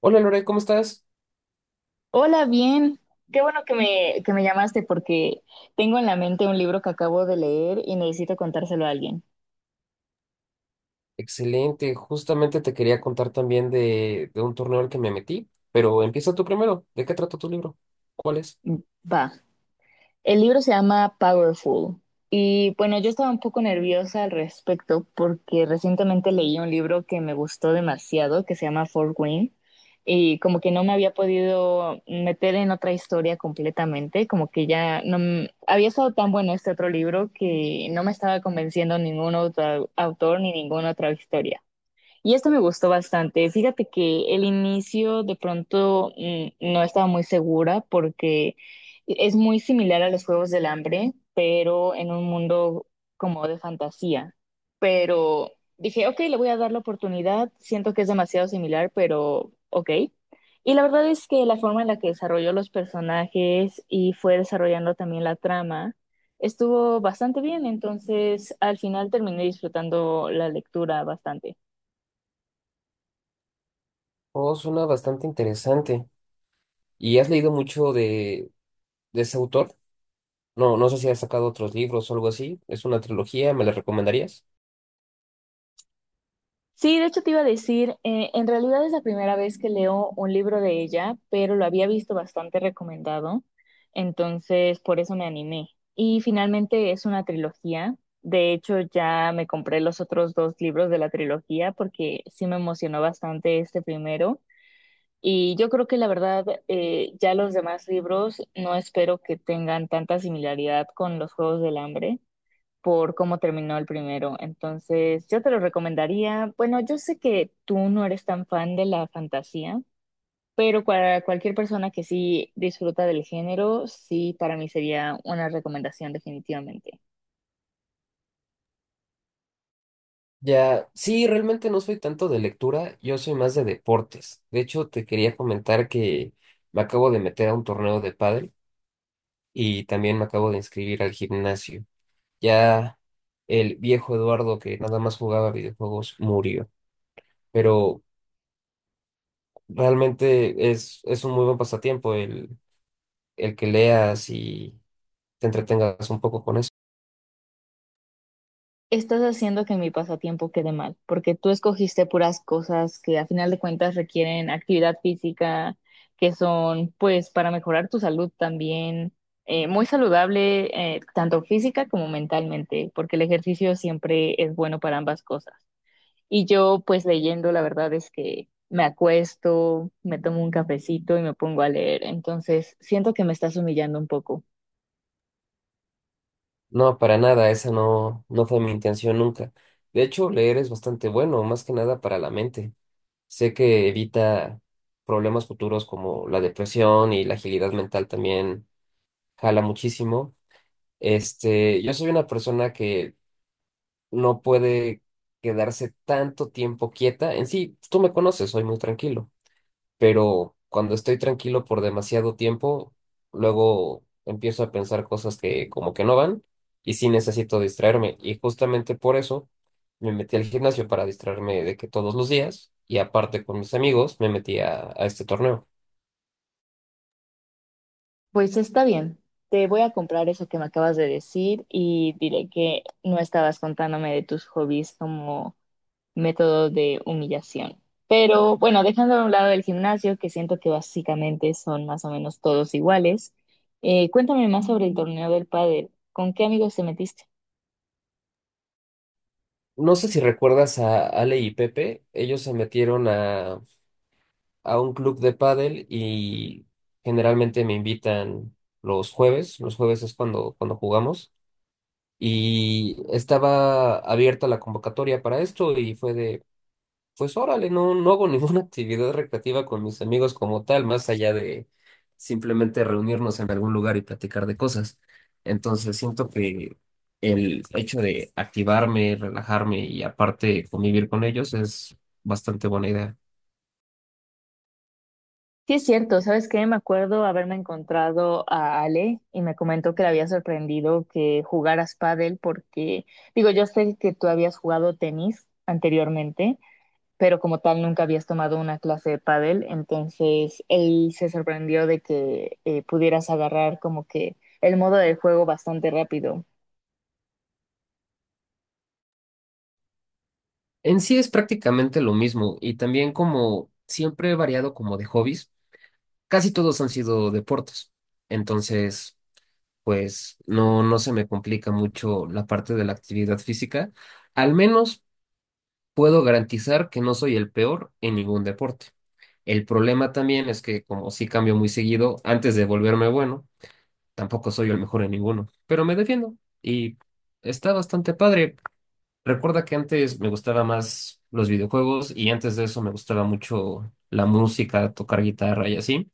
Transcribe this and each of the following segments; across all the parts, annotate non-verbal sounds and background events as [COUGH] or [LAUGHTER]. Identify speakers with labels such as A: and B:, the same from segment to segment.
A: Hola Lore, ¿cómo estás?
B: Hola, bien. Qué bueno que que me llamaste porque tengo en la mente un libro que acabo de leer y necesito contárselo a alguien.
A: Excelente, justamente te quería contar también de un torneo al que me metí, pero empieza tú primero. ¿De qué trata tu libro? ¿Cuál es?
B: Mm, Va. El libro se llama Powerful. Y bueno, yo estaba un poco nerviosa al respecto porque recientemente leí un libro que me gustó demasiado, que se llama Fort Wayne, y como que no me había podido meter en otra historia completamente, como que ya no m- había estado tan bueno este otro libro que no me estaba convenciendo ningún autor ni ninguna otra historia. Y esto me gustó bastante. Fíjate que el inicio de pronto no estaba muy segura porque es muy similar a los Juegos del Hambre, pero en un mundo como de fantasía. Pero dije, ok, le voy a dar la oportunidad. Siento que es demasiado similar, pero ok. Y la verdad es que la forma en la que desarrolló los personajes y fue desarrollando también la trama estuvo bastante bien. Entonces, al final terminé disfrutando la lectura bastante.
A: Oh, suena bastante interesante. ¿Y has leído mucho de ese autor? No, no sé si has sacado otros libros o algo así. ¿Es una trilogía? ¿Me la recomendarías?
B: Sí, de hecho te iba a decir, en realidad es la primera vez que leo un libro de ella, pero lo había visto bastante recomendado, entonces por eso me animé. Y finalmente es una trilogía. De hecho, ya me compré los otros dos libros de la trilogía porque sí me emocionó bastante este primero. Y yo creo que la verdad, ya los demás libros no espero que tengan tanta similaridad con los Juegos del Hambre por cómo terminó el primero. Entonces, yo te lo recomendaría. Bueno, yo sé que tú no eres tan fan de la fantasía, pero para cualquier persona que sí disfruta del género, sí, para mí sería una recomendación definitivamente.
A: Ya, sí, realmente no soy tanto de lectura, yo soy más de deportes. De hecho, te quería comentar que me acabo de meter a un torneo de pádel y también me acabo de inscribir al gimnasio. Ya el viejo Eduardo que nada más jugaba videojuegos murió. Pero realmente es un muy buen pasatiempo el que leas y te entretengas un poco con eso.
B: Estás haciendo que mi pasatiempo quede mal, porque tú escogiste puras cosas que a final de cuentas requieren actividad física, que son pues para mejorar tu salud también, muy saludable tanto física como mentalmente, porque el ejercicio siempre es bueno para ambas cosas. Y yo pues leyendo, la verdad es que me acuesto, me tomo un cafecito y me pongo a leer, entonces siento que me estás humillando un poco.
A: No, para nada, esa no fue mi intención nunca. De hecho, leer es bastante bueno, más que nada para la mente. Sé que evita problemas futuros como la depresión y la agilidad mental también jala muchísimo. Este, yo soy una persona que no puede quedarse tanto tiempo quieta. En sí, pues, tú me conoces, soy muy tranquilo, pero cuando estoy tranquilo por demasiado tiempo, luego empiezo a pensar cosas que como que no van y sí necesito distraerme. Y justamente por eso me metí al gimnasio para distraerme de que todos los días y aparte con mis amigos me metí a este torneo.
B: Pues está bien. Te voy a comprar eso que me acabas de decir y diré que no estabas contándome de tus hobbies como método de humillación. Pero bueno, dejando a un lado el gimnasio, que siento que básicamente son más o menos todos iguales, cuéntame más sobre el torneo del pádel. ¿Con qué amigos te metiste?
A: No sé si recuerdas a Ale y Pepe, ellos se metieron a un club de pádel y generalmente me invitan los jueves. Los jueves es cuando jugamos. Y estaba abierta la convocatoria para esto y fue de, pues órale, no, no hago ninguna [LAUGHS] actividad recreativa con mis amigos como tal, más allá de simplemente reunirnos en algún lugar y platicar de cosas. Entonces siento que el hecho de activarme, relajarme y aparte convivir con ellos es bastante buena idea.
B: Sí, es cierto, ¿sabes qué? Me acuerdo haberme encontrado a Ale y me comentó que le había sorprendido que jugaras pádel porque, digo, yo sé que tú habías jugado tenis anteriormente pero como tal nunca habías tomado una clase de pádel, entonces él se sorprendió de que pudieras agarrar como que el modo de juego bastante rápido.
A: En sí es prácticamente lo mismo y también como siempre he variado como de hobbies, casi todos han sido deportes. Entonces, pues no, no se me complica mucho la parte de la actividad física. Al menos puedo garantizar que no soy el peor en ningún deporte. El problema también es que como sí cambio muy seguido, antes de volverme bueno, tampoco soy el mejor en ninguno, pero me defiendo y está bastante padre. Recuerda que antes me gustaba más los videojuegos y antes de eso me gustaba mucho la música, tocar guitarra y así.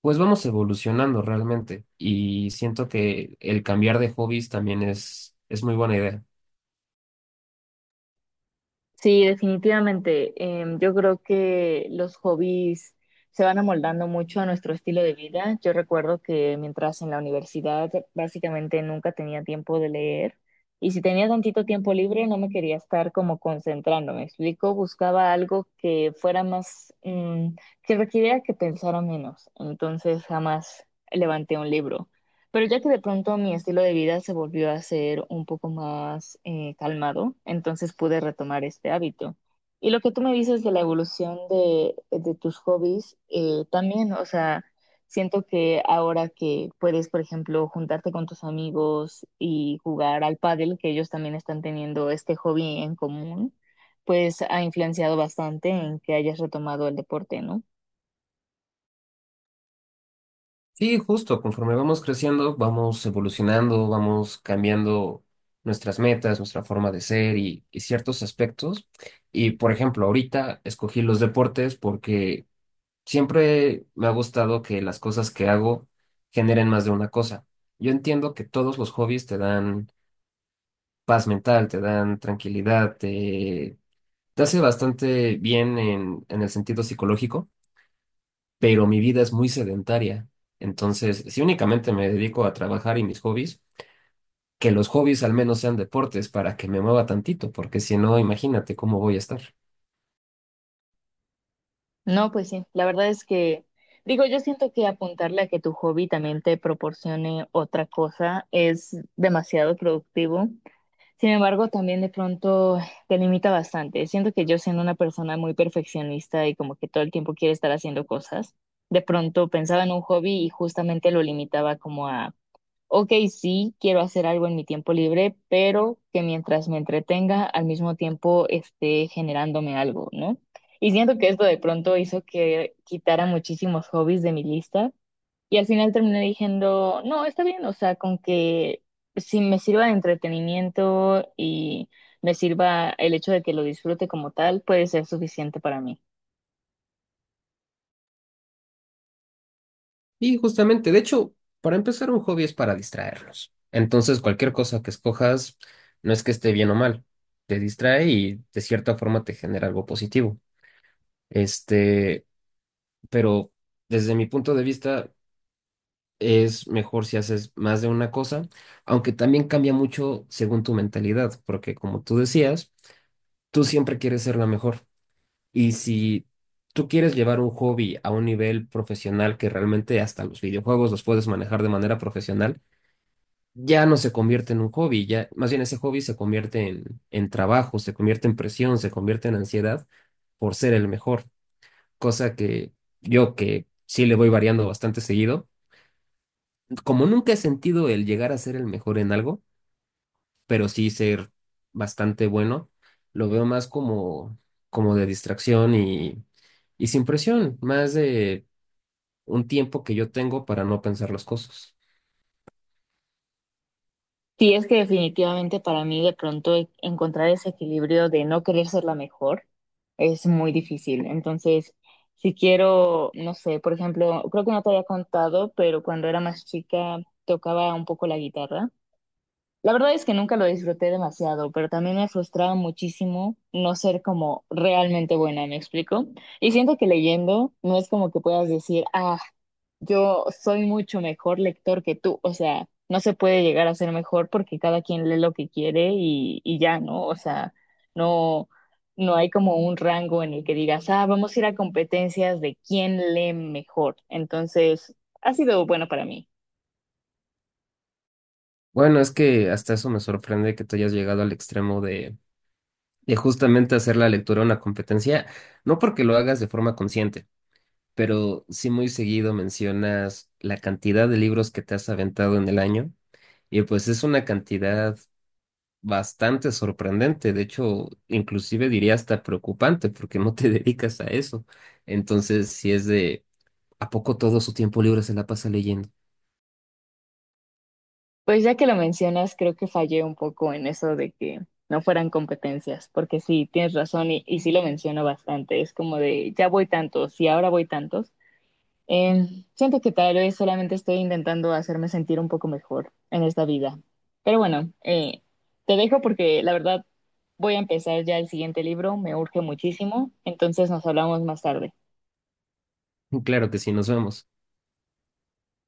A: Pues vamos evolucionando realmente y siento que el cambiar de hobbies también es muy buena idea.
B: Sí, definitivamente. Yo creo que los hobbies se van amoldando mucho a nuestro estilo de vida. Yo recuerdo que mientras en la universidad básicamente nunca tenía tiempo de leer y si tenía tantito tiempo libre no me quería estar como concentrando, ¿me explico? Buscaba algo que fuera más, que requiriera que pensara menos. Entonces jamás levanté un libro. Pero ya que de pronto mi estilo de vida se volvió a ser un poco más calmado, entonces pude retomar este hábito. Y lo que tú me dices de la evolución de tus hobbies, también, o sea, siento que ahora que puedes, por ejemplo, juntarte con tus amigos y jugar al pádel, que ellos también están teniendo este hobby en común, pues ha influenciado bastante en que hayas retomado el deporte, ¿no?
A: Sí, justo, conforme vamos creciendo, vamos evolucionando, vamos cambiando nuestras metas, nuestra forma de ser y ciertos aspectos. Y por ejemplo, ahorita escogí los deportes porque siempre me ha gustado que las cosas que hago generen más de una cosa. Yo entiendo que todos los hobbies te dan paz mental, te dan tranquilidad, te hace bastante bien en el sentido psicológico, pero mi vida es muy sedentaria. Entonces, si únicamente me dedico a trabajar y mis hobbies, que los hobbies al menos sean deportes para que me mueva tantito, porque si no, imagínate cómo voy a estar.
B: No, pues sí, la verdad es que, digo, yo siento que apuntarle a que tu hobby también te proporcione otra cosa es demasiado productivo. Sin embargo, también de pronto te limita bastante. Siento que yo siendo una persona muy perfeccionista y como que todo el tiempo quiere estar haciendo cosas, de pronto pensaba en un hobby y justamente lo limitaba como a ok, sí, quiero hacer algo en mi tiempo libre, pero que mientras me entretenga, al mismo tiempo esté generándome algo, ¿no? Y siento que esto de pronto hizo que quitara muchísimos hobbies de mi lista y al final terminé diciendo, no, está bien, o sea, con que si me sirva de entretenimiento y me sirva el hecho de que lo disfrute como tal, puede ser suficiente para mí.
A: Y justamente, de hecho, para empezar, un hobby es para distraernos. Entonces, cualquier cosa que escojas no es que esté bien o mal, te distrae y de cierta forma te genera algo positivo. Este, pero desde mi punto de vista, es mejor si haces más de una cosa, aunque también cambia mucho según tu mentalidad, porque como tú decías, tú siempre quieres ser la mejor. Y si tú quieres llevar un hobby a un nivel profesional que realmente hasta los videojuegos los puedes manejar de manera profesional, ya no se convierte en un hobby, ya más bien ese hobby se convierte en trabajo, se convierte en presión, se convierte en ansiedad por ser el mejor, cosa que yo que sí le voy variando bastante seguido, como nunca he sentido el llegar a ser el mejor en algo, pero sí ser bastante bueno, lo veo más como, como de distracción y sin presión, más de un tiempo que yo tengo para no pensar las cosas.
B: Sí, es que definitivamente para mí de pronto encontrar ese equilibrio de no querer ser la mejor es muy difícil. Entonces, si quiero, no sé, por ejemplo, creo que no te había contado, pero cuando era más chica tocaba un poco la guitarra. La verdad es que nunca lo disfruté demasiado, pero también me frustraba muchísimo no ser como realmente buena, ¿me explico? Y siento que leyendo no es como que puedas decir, ah, yo soy mucho mejor lector que tú, o sea, no se puede llegar a ser mejor porque cada quien lee lo que quiere y ya, ¿no? O sea, no, no hay como un rango en el que digas, ah, vamos a ir a competencias de quién lee mejor. Entonces, ha sido bueno para mí.
A: Bueno, es que hasta eso me sorprende que tú hayas llegado al extremo de justamente hacer la lectura una competencia, no porque lo hagas de forma consciente, pero sí muy seguido mencionas la cantidad de libros que te has aventado en el año y pues es una cantidad bastante sorprendente, de hecho, inclusive diría hasta preocupante porque no te [LAUGHS] dedicas a eso. Entonces, si es de, ¿a poco todo su tiempo libre se la pasa leyendo?
B: Pues ya que lo mencionas, creo que fallé un poco en eso de que no fueran competencias, porque sí, tienes razón y sí lo menciono bastante. Es como de, ya voy tantos y ahora voy tantos. Siento que tal vez solamente estoy intentando hacerme sentir un poco mejor en esta vida. Pero bueno, te dejo porque la verdad voy a empezar ya el siguiente libro, me urge muchísimo, entonces nos hablamos más tarde.
A: [LAUGHS] Claro que sí, nos vemos.